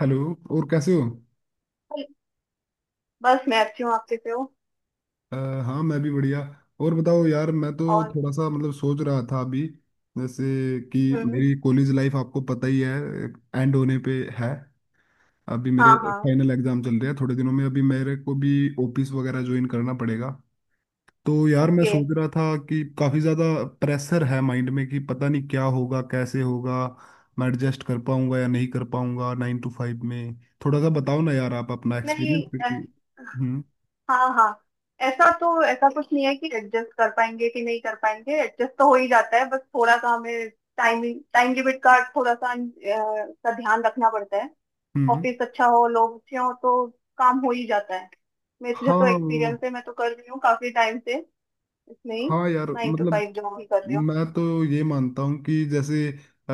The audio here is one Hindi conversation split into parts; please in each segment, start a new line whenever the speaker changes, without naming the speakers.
हेलो। और कैसे हो।
बस मैं अच्छी हूँ, आप कैसे हो।
हाँ मैं भी बढ़िया। और बताओ यार, मैं तो
और।
थोड़ा सा मतलब सोच रहा था अभी। जैसे कि
हम्म।
मेरी कॉलेज लाइफ आपको पता ही है। एंड होने पे है। अभी मेरे
हाँ हाँ।
फाइनल एग्जाम चल रहे हैं। थोड़े दिनों में अभी मेरे को भी ऑफिस वगैरह ज्वाइन करना पड़ेगा। तो यार, मैं
ओके।
सोच रहा था कि काफ़ी ज़्यादा प्रेशर है माइंड में कि पता नहीं क्या होगा, कैसे होगा, मैं एडजस्ट कर पाऊंगा या नहीं कर पाऊंगा नाइन टू फाइव में। थोड़ा सा बताओ ना यार, आप अपना
नहीं।
एक्सपीरियंस।
ऐस-
हम्म।
हाँ हाँ। ऐसा तो ऐसा कुछ नहीं है कि एडजस्ट कर पाएंगे कि नहीं कर पाएंगे, एडजस्ट तो हो ही जाता है, बस थोड़ा सा हमें टाइम, टाइम लिमिट का थोड़ा सा का ध्यान रखना पड़ता है।
हम्म।
ऑफिस अच्छा हो, लोग अच्छे हो तो काम हो ही जाता है। मेरे
हाँ
तो
वो।
एक्सपीरियंस है, मैं तो कर रही हूँ काफी टाइम से, इसमें ही
हाँ यार,
नाइन टू
मतलब
फाइव जॉब ही कर रही हूँ।
मैं तो ये मानता हूँ कि जैसे अ,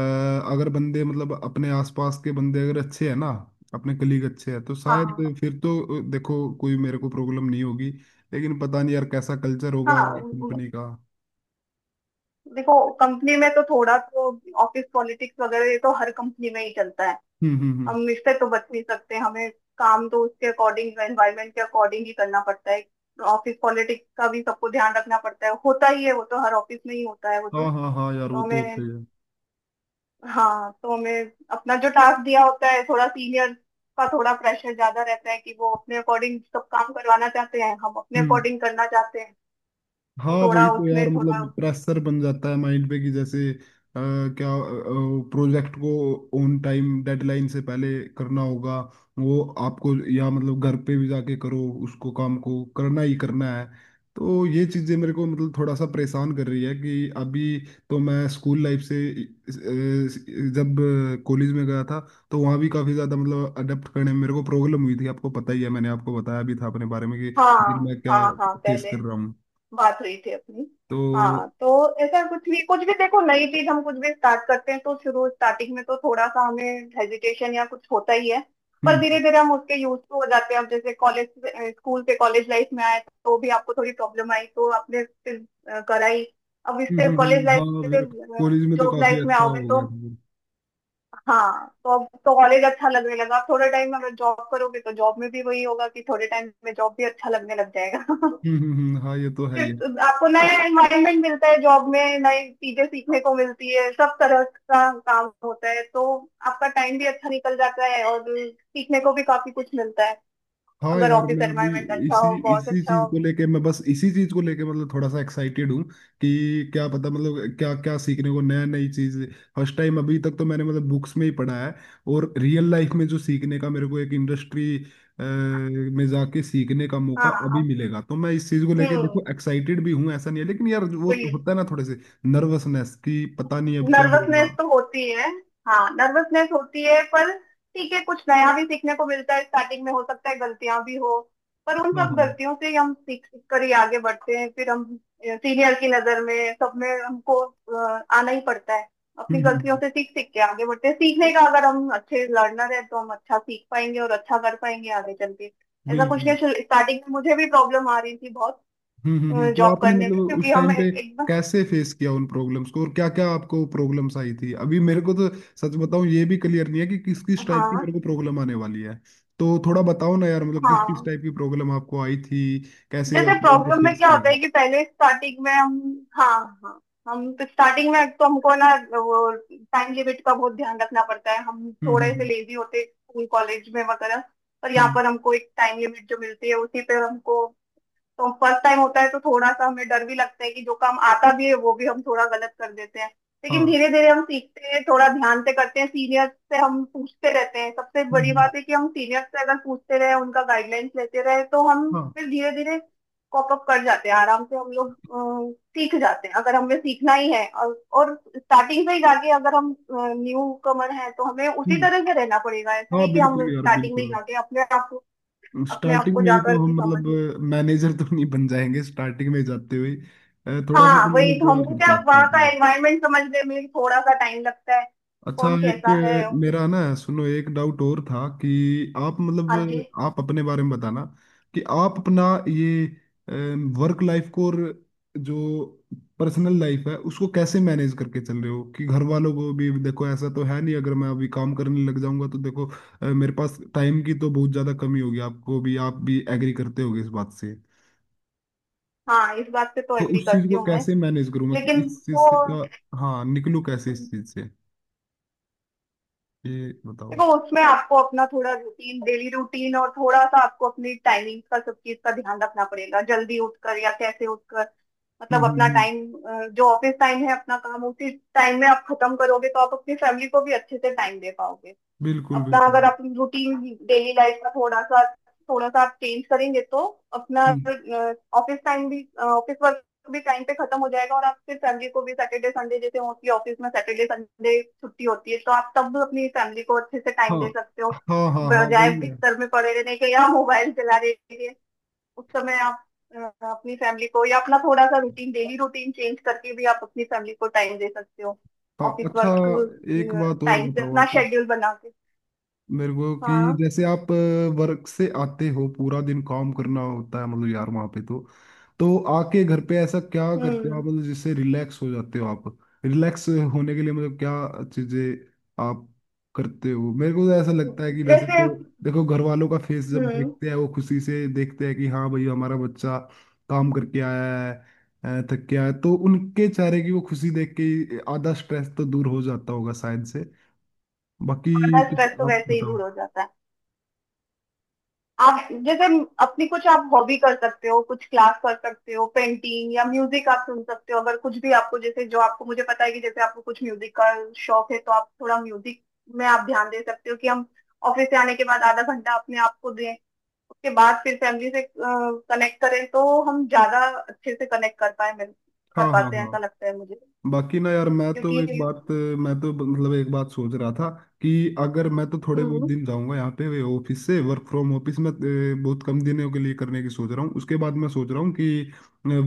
अगर बंदे, मतलब अपने आसपास के बंदे अगर अच्छे हैं ना, अपने कलीग अच्छे हैं, तो शायद
हाँ
फिर तो देखो कोई मेरे को प्रॉब्लम नहीं होगी। लेकिन पता नहीं यार, कैसा कल्चर
हाँ
होगा
हाँ,
कंपनी का।
देखो कंपनी में तो थोड़ा तो ऑफिस पॉलिटिक्स वगैरह ये तो हर कंपनी में ही चलता है।
हम्म। हम्म। हम्म।
हम इससे तो बच नहीं सकते, हमें काम तो उसके अकॉर्डिंग, एनवायरमेंट के अकॉर्डिंग ही करना पड़ता है। ऑफिस पॉलिटिक्स का भी सबको ध्यान रखना पड़ता है, होता ही है वो तो, हर ऑफिस में ही होता है वो
हाँ
तो।
हाँ हाँ यार,
तो
वो तो होते
हमें,
ही है।
हाँ तो हमें अपना जो टास्क दिया होता है, थोड़ा सीनियर का थोड़ा प्रेशर ज्यादा रहता है कि वो अपने अकॉर्डिंग सब काम करवाना चाहते हैं, हम अपने
हम्म।
अकॉर्डिंग करना चाहते हैं।
हाँ
तो
वही
थोड़ा
तो
उसमें
यार,
थोड़ा।
मतलब प्रेशर बन जाता है माइंड पे कि जैसे क्या प्रोजेक्ट को ऑन टाइम, डेडलाइन से पहले करना होगा। वो आपको, या मतलब घर पे भी जाके करो, उसको काम को करना ही करना है। तो ये चीज़ें मेरे को मतलब थोड़ा सा परेशान कर रही है कि अभी तो मैं स्कूल लाइफ से जब कॉलेज में गया था, तो वहाँ भी काफ़ी ज़्यादा मतलब अडेप्ट करने में मेरे को प्रॉब्लम हुई थी। आपको पता ही है, मैंने आपको बताया भी था अपने बारे में कि
हाँ
मैं क्या
हाँ हाँ,
फेस
पहले
कर रहा हूँ।
बात हुई थी अपनी।
तो।
हाँ तो ऐसा कुछ भी, कुछ भी देखो, नई चीज हम कुछ भी स्टार्ट करते हैं तो शुरू स्टार्टिंग में तो थोड़ा सा हमें हेजिटेशन या कुछ होता ही है। पर धीरे
हम्म।
धीरे हम उसके यूज टू हो जाते हैं। अब जैसे कॉलेज, स्कूल से कॉलेज लाइफ में आए तो भी आपको थोड़ी प्रॉब्लम आई तो आपने फिर कराई। अब इससे
हम्म।
कॉलेज लाइफ
हाँ
से
फिर कॉलेज में तो
जॉब
काफी
लाइफ में
अच्छा
आओगे
हो
तो,
गया था। हम्म।
हाँ तो अब तो कॉलेज अच्छा लगने लगा, थोड़े टाइम में अगर जॉब करोगे तो जॉब में भी वही होगा कि थोड़े टाइम में जॉब भी अच्छा लगने लग जाएगा
हम्म। हाँ ये तो है ही है।
आपको नया एनवायरनमेंट मिलता है जॉब में, नई चीजें सीखने को मिलती है, सब तरह का काम होता है, तो आपका टाइम भी अच्छा निकल जाता है और सीखने को भी काफी कुछ मिलता है,
हाँ
अगर
यार,
ऑफिस
मैं अभी
एनवायरनमेंट अच्छा
इसी
हो, बॉस
इसी
अच्छा
चीज
हो।
को लेके, मैं बस इसी चीज को लेके मतलब थोड़ा सा एक्साइटेड हूँ कि क्या पता, मतलब क्या क्या सीखने को, नया नई चीज। फर्स्ट टाइम अभी तक तो मैंने मतलब बुक्स में ही पढ़ा है, और रियल लाइफ में जो सीखने का मेरे को, एक इंडस्ट्री में जाके सीखने का मौका
हाँ।
अभी
आप-
मिलेगा, तो मैं इस चीज को लेके
हम्म।
देखो एक्साइटेड भी हूँ, ऐसा नहीं है। लेकिन यार, वो
वही।
होता है ना थोड़े से नर्वसनेस कि पता नहीं अब क्या होगा।
नर्वसनेस तो होती है, हाँ नर्वसनेस होती है, पर ठीक है, कुछ नया भी सीखने को मिलता है। स्टार्टिंग में हो सकता है गलतियां भी हो, पर उन
हाँ
सब
हाँ।
गलतियों से ही हम सीख सीख कर ही आगे बढ़ते हैं। फिर हम सीनियर की नजर में, सब में हमको आना ही पड़ता है।
हम्म।
अपनी गलतियों से सीख सीख के आगे बढ़ते हैं, सीखने का अगर हम अच्छे लर्नर है तो हम अच्छा सीख पाएंगे और अच्छा कर पाएंगे आगे चल के। ऐसा कुछ
बिल्कुल।
नहीं, स्टार्टिंग में मुझे भी प्रॉब्लम आ रही थी बहुत
हम्म। हम्म। तो
जॉब
आपने
करने में
मतलब उस
क्योंकि हम
टाइम पे
एकदम।
कैसे फेस किया उन प्रॉब्लम्स को, और क्या क्या आपको प्रॉब्लम्स आई थी। अभी मेरे को तो सच बताऊं, ये भी क्लियर नहीं है कि किस किस टाइप की
हाँ
मेरे को प्रॉब्लम आने वाली है। तो थोड़ा बताओ ना यार, मतलब किस किस
हाँ।
टाइप की प्रॉब्लम आपको आई थी, कैसे
जैसे
आपने उनके
प्रॉब्लम में
फेस
क्या होता
किया।
है कि पहले स्टार्टिंग में हम, हाँ हाँ, हम तो स्टार्टिंग में एक तो हमको ना वो टाइम लिमिट का बहुत ध्यान रखना पड़ता है। हम
हम्म। हम्म।
थोड़े से
हम्म।
लेजी होते स्कूल कॉलेज में वगैरह, पर यहाँ
हम्म,
पर हमको एक टाइम लिमिट जो मिलती है उसी पे हमको। तो फर्स्ट टाइम होता है तो थोड़ा सा हमें डर भी लगता है कि जो काम आता भी है वो भी हम थोड़ा गलत कर देते हैं। लेकिन
हाँ।
धीरे धीरे हम सीखते हैं, थोड़ा ध्यान से करते हैं, सीनियर से हम पूछते रहते हैं। सबसे
हम्म।
बड़ी बात है कि हम सीनियर से अगर पूछते रहे, उनका गाइडलाइंस लेते रहे तो हम
हाँ।
फिर धीरे धीरे कॉप अप कर जाते हैं आराम से, हम लोग सीख जाते हैं अगर हमें सीखना ही है। और स्टार्टिंग से ही जाके अगर हम न्यू कमर हैं तो हमें उसी
हम्म,
तरह से रहना पड़ेगा। ऐसा
हाँ
नहीं कि हम
बिल्कुल यार,
स्टार्टिंग में ही
बिल्कुल।
जाके अपने आप को, अपने आप
स्टार्टिंग
को
में ही तो
जाकर भी
हम
समझ
मतलब
लें।
मैनेजर तो नहीं बन जाएंगे स्टार्टिंग में जाते हुए। थोड़ा सा तो
हाँ वही
मैनेज
तो,
करना
हमको क्या
पड़ता है
वहाँ
स्टार्ट
का
में।
एनवायरनमेंट समझने में भी थोड़ा सा टाइम लगता है,
अच्छा
कौन
एक
कैसा है और किस।
मेरा ना सुनो, एक डाउट और था कि आप मतलब
हाँ जी।
आप अपने बारे में बताना कि आप अपना ये वर्क लाइफ को, और जो पर्सनल लाइफ है उसको कैसे मैनेज करके चल रहे हो। कि घर वालों को भी देखो, ऐसा तो है नहीं, अगर मैं अभी काम करने लग जाऊंगा तो देखो मेरे पास टाइम की तो बहुत ज़्यादा कमी होगी। आपको भी आप भी एग्री करते होगे इस बात से।
हाँ, इस बात से तो
तो
एग्री
उस चीज़
करती
को
हूँ मैं,
कैसे मैनेज करूँ मैं कि
लेकिन
इस
वो,
चीज़ से का, हाँ निकलूँ कैसे इस चीज़ से, ये बताओ।
देखो उसमें आपको अपना थोड़ा रूटीन, डेली रूटीन और थोड़ा सा आपको अपनी टाइमिंग का सब चीज का ध्यान रखना पड़ेगा, जल्दी उठकर या कैसे उठकर, मतलब
हम्म।
अपना टाइम जो ऑफिस टाइम है, अपना काम उसी टाइम में आप खत्म करोगे तो आप अपनी फैमिली को भी अच्छे से टाइम दे पाओगे।
बिल्कुल
अपना अगर
बिल्कुल।
अपन रूटीन डेली लाइफ का थोड़ा सा, थोड़ा सा आप चेंज करेंगे तो अपना
हम्म।
ऑफिस टाइम भी, ऑफिस वर्क भी टाइम पे खत्म हो जाएगा और आप फिर फैमिली को भी सैटरडे संडे, जैसे मोस्टली ऑफिस में सैटरडे संडे छुट्टी होती है तो आप तब अपनी फैमिली को अच्छे से
हाँ
टाइम दे सकते हो,
हाँ हाँ, हाँ
बजाय
वही है।
बिस्तर में पड़े रहने के या मोबाइल चलाने के। उस समय आप अपनी फैमिली को, या अपना थोड़ा सा रूटीन, डेली रूटीन चेंज करके भी आप अपनी फैमिली को टाइम दे सकते हो।
हाँ
ऑफिस
अच्छा,
वर्क
एक बात और
टाइम से
बताओ
अपना
आप
शेड्यूल बना के।
मेरे को कि
हाँ।
जैसे आप वर्क से आते हो, पूरा दिन काम करना होता है मतलब यार वहां पे तो आके घर पे ऐसा क्या करते हो आप,
हम्म।
मतलब जिससे रिलैक्स हो जाते हो आप। रिलैक्स होने के लिए मतलब क्या चीजें आप करते हो। मेरे को तो ऐसा लगता है कि वैसे
जैसे।
तो देखो, घर वालों का फेस जब
हम्म।
देखते हैं, वो खुशी से देखते हैं कि हाँ भाई, हमारा बच्चा काम करके आया है, थक के आया है, तो उनके चेहरे की वो खुशी देख के ही आधा स्ट्रेस तो दूर हो जाता होगा शायद से। बाकी
आधा
कुछ
स्ट्रेस तो
आप
वैसे ही
बताओ।
दूर हो जाता है। आप जैसे अपनी कुछ आप हॉबी कर सकते हो, कुछ क्लास कर सकते हो, पेंटिंग या म्यूजिक आप सुन सकते हो, अगर कुछ भी आपको, जैसे जो आपको, मुझे पता है कि जैसे आपको कुछ म्यूजिक का शौक है तो आप थोड़ा म्यूजिक में आप ध्यान दे सकते हो, कि हम ऑफिस से आने के बाद आधा घंटा अपने आप को दें, उसके बाद फिर फैमिली से कनेक्ट करें तो हम ज्यादा अच्छे से कनेक्ट कर पाए, कर
हाँ हाँ
पाते हैं,
हाँ,
ऐसा लगता है मुझे।
बाकी ना यार,
क्योंकि।
मैं तो मतलब एक बात सोच रहा था कि अगर मैं तो थोड़े बहुत
हम्म।
दिन जाऊंगा यहाँ पे, ऑफिस से वर्क फ्रॉम ऑफिस में बहुत कम दिनों के लिए करने की सोच रहा हूँ। उसके बाद मैं सोच रहा हूँ कि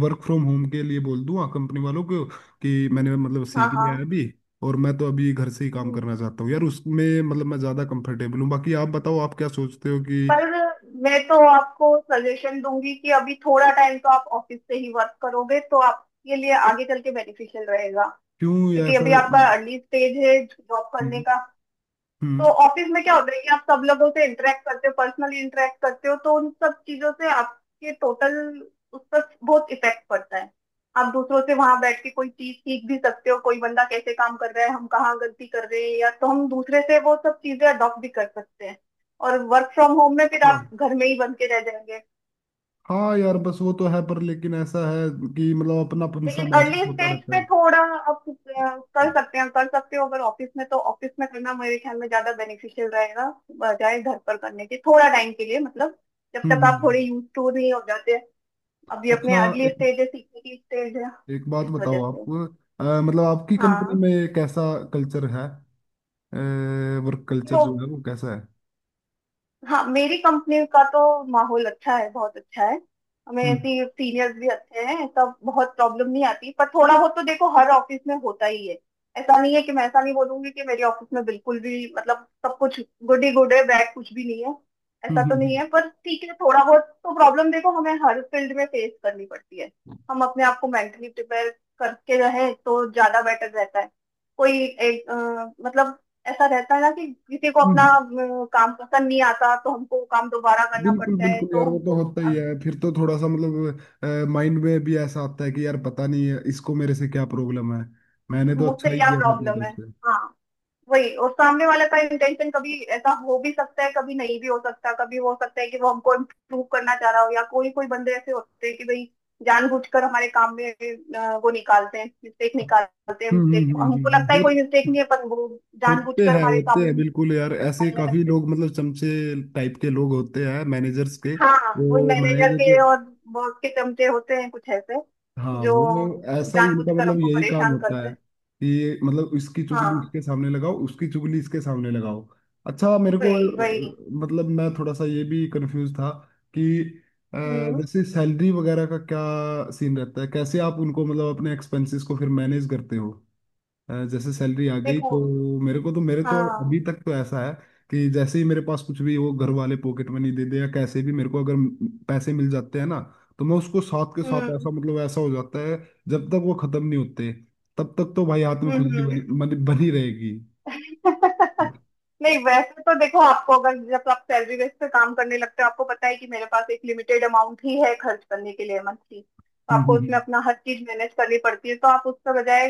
वर्क फ्रॉम होम के लिए बोल दूँ कंपनी वालों को कि मैंने मतलब
हाँ
सीख लिया है
हाँ।
अभी, और मैं तो अभी घर से ही काम
हम्म।
करना चाहता हूँ यार, उसमें मतलब मैं ज़्यादा कंफर्टेबल हूँ। बाकी आप बताओ, आप क्या सोचते हो कि
पर मैं तो आपको सजेशन दूंगी कि अभी थोड़ा टाइम तो आप ऑफिस से ही वर्क करोगे तो आपके लिए आगे चल के बेनिफिशियल रहेगा।
क्यों
क्योंकि
ऐसा।
अभी आपका अर्ली स्टेज है जॉब करने
हम्म।
का, तो ऑफिस में क्या होता है कि आप सब लोगों से इंटरेक्ट करते हो, पर्सनली इंटरेक्ट करते हो, तो उन सब चीजों से आपके टोटल, उस पर बहुत इफेक्ट पड़ता है। आप दूसरों से वहां बैठ के कोई चीज सीख भी सकते हो, कोई बंदा कैसे काम कर रहा है, हम कहाँ गलती कर रहे हैं, या तो हम दूसरे से वो सब चीजें अडॉप्ट भी कर सकते हैं। और वर्क फ्रॉम होम में फिर आप
हम्म,
घर में ही बन के रह जाएंगे।
हाँ यार बस, वो तो है पर, लेकिन ऐसा है कि मतलब अपनापन सा
लेकिन अर्ली
महसूस होता
स्टेज
रहता
पे
है।
थोड़ा आप कर सकते हैं, कर सकते हो अगर ऑफिस में, तो ऑफिस में करना मेरे ख्याल में ज्यादा बेनिफिशियल रहेगा, बजाय घर पर करने के, थोड़ा टाइम के लिए, मतलब जब
हम्म।
तक
हम्म।
आप थोड़े
हम्म।
यूज टू नहीं हो जाते। अभी अपने
अच्छा
अर्ली
एक,
स्टेज है, सीखने की स्टेज है
एक बात
इस वजह
बताओ
से।
आप मतलब आपकी कंपनी
हाँ।
में कैसा कल्चर है। वर्क कल्चर
तो,
जो है वो कैसा है।
हाँ मेरी कंपनी का तो माहौल अच्छा है, बहुत अच्छा है, हमें
हम्म।
ऐसी सीनियर्स भी अच्छे हैं, सब, बहुत प्रॉब्लम नहीं आती, पर थोड़ा बहुत तो देखो हर ऑफिस में होता ही है। ऐसा नहीं है कि मैं ऐसा नहीं बोलूंगी कि मेरे ऑफिस में बिल्कुल भी मतलब सब कुछ गुड ही गुड है, बैड कुछ भी नहीं है,
हम्म।
ऐसा तो नहीं
हम्म।
है, पर ठीक है, थोड़ा बहुत तो प्रॉब्लम देखो हमें हर फील्ड में फेस करनी पड़ती है। हम अपने आप को मेंटली प्रिपेयर करके रहे तो ज्यादा बेटर रहता है। कोई एक मतलब ऐसा रहता है ना कि किसी को
हम्म।
अपना
हम्म।
काम पसंद नहीं आता तो हमको वो काम दोबारा करना
बिल्कुल
पड़ता है,
बिल्कुल
तो
यार, वो तो
हमको
होता
अ,
ही है। फिर तो थोड़ा सा मतलब माइंड में भी ऐसा आता है कि यार पता नहीं है इसको मेरे से क्या प्रॉब्लम है, मैंने तो
मुझसे
अच्छा ही
क्या
किया था अपनी
प्रॉब्लम
तरफ
है।
से।
हाँ वही, और सामने वाले का इंटेंशन कभी ऐसा हो भी सकता है, कभी नहीं भी हो सकता, कभी हो सकता है कि वो हमको इम्प्रूव करना चाह रहा हो, या कोई कोई बंदे ऐसे होते हैं कि भाई जानबूझकर हमारे काम में वो निकालते हैं मिस्टेक,
हम्म।
निकालते हैं मिस्टेक,
हम्म। हम्म।
हमको लगता है कोई मिस्टेक नहीं है पर वो जानबूझकर हमारे
होते
काम में
हैं बिल्कुल यार,
मिस्टेक
ऐसे
निकालने
काफी
लगते हैं।
लोग मतलब चमचे टाइप के लोग होते हैं मैनेजर्स के।
हाँ। वो
वो
मैनेजर
मैनेजर के।
के और बॉस के चमचे होते हैं कुछ ऐसे
हाँ,
जो
वो ऐसा ही उनका
जानबूझकर
मतलब
हमको
यही काम
परेशान
होता
करते
है
हैं।
कि मतलब इसकी चुगली
हाँ
उसके सामने लगाओ, उसकी चुगली इसके सामने लगाओ। अच्छा मेरे को
वही वही।
मतलब मैं थोड़ा सा ये भी कंफ्यूज था कि अ,
हम्म।
जैसे सैलरी वगैरह का क्या सीन रहता है, कैसे आप उनको मतलब अपने एक्सपेंसेस को फिर मैनेज करते हो। जैसे सैलरी आ गई
देखो।
तो, मेरे तो
हाँ।
अभी तक तो ऐसा है कि जैसे ही मेरे पास कुछ भी वो, घर वाले पॉकेट मनी दे दे या कैसे भी मेरे को अगर पैसे मिल जाते हैं ना, तो मैं उसको साथ के साथ ऐसा,
हम्म
मतलब ऐसा हो जाता है। जब तक वो खत्म नहीं होते, तब तक तो भाई हाथ में खुजली
हम्म
बनी बनी बनी रहेगी।
हम्म। नहीं, वैसे तो देखो आपको अगर जब आप सैलरी बेस पे काम करने लगते हो, आपको पता है कि मेरे पास एक लिमिटेड अमाउंट ही है खर्च करने के लिए मंथली, तो
हम्म।
आपको
हम्म।
उसमें अपना हर चीज मैनेज करनी पड़ती है, तो आप उसके बजाय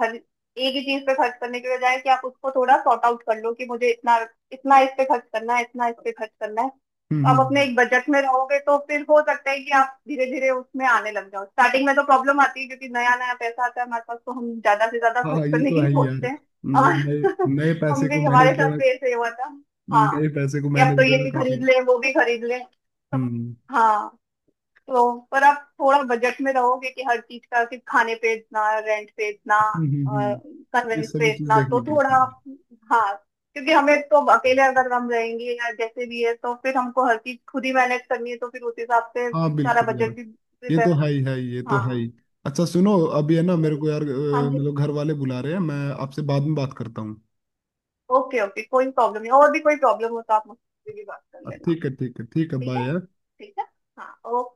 हर एक ही चीज पे खर्च करने के बजाय, कि आप उसको थोड़ा सॉर्ट आउट कर लो कि मुझे इतना, इतना इस पे खर्च करना है, इतना इस पे खर्च करना है,
हम्म,
तो आप अपने
हम्म।
एक बजट में रहोगे तो फिर हो सकता है कि आप धीरे धीरे उसमें आने लग जाओ। स्टार्टिंग में तो प्रॉब्लम आती है क्योंकि नया नया पैसा आता है हमारे पास तो हम ज्यादा से ज्यादा
हाँ
खर्च
ये
करने
तो
की
है ही यार,
सोचते हैं
मतलब
और
नए नए
हम
पैसे को
भी,
मैनेज
हमारे
करना
साथ भी ऐसे ही हुआ था। हाँ,
नए पैसे को
कि अब
मैनेज
तो ये
करना,
भी
काफी।
खरीद लें वो भी खरीद लें तो।
हम्म।
हाँ। तो पर आप थोड़ा बजट में रहोगे कि हर चीज का, सिर्फ खाने पे इतना, रेंट पे इतना,
हम्म। हम्म। ये
कन्वेंस पे
सभी चीज
इतना,
देखनी
तो थोड़ा
पड़ती है।
हाँ, क्योंकि हमें तो अब अकेले अगर हम रहेंगे या जैसे भी है तो फिर हमको हर चीज खुद ही मैनेज करनी है, तो फिर उस हिसाब से
हाँ
सारा
बिल्कुल
बजट
यार,
भी
ये
prepare-
तो है ही है, ये तो है ही।
हाँ।
अच्छा सुनो, अभी है ना मेरे
चलो।
को यार
हाँ जी।
मतलब घर वाले बुला रहे हैं, मैं आपसे बाद में बात करता हूँ।
ओके ओके, कोई प्रॉब्लम नहीं, और भी कोई प्रॉब्लम हो तो आप मुझसे भी बात कर लेना।
ठीक है ठीक है ठीक है,
ठीक
बाय
है,
यार।
ठीक है। हाँ ओके।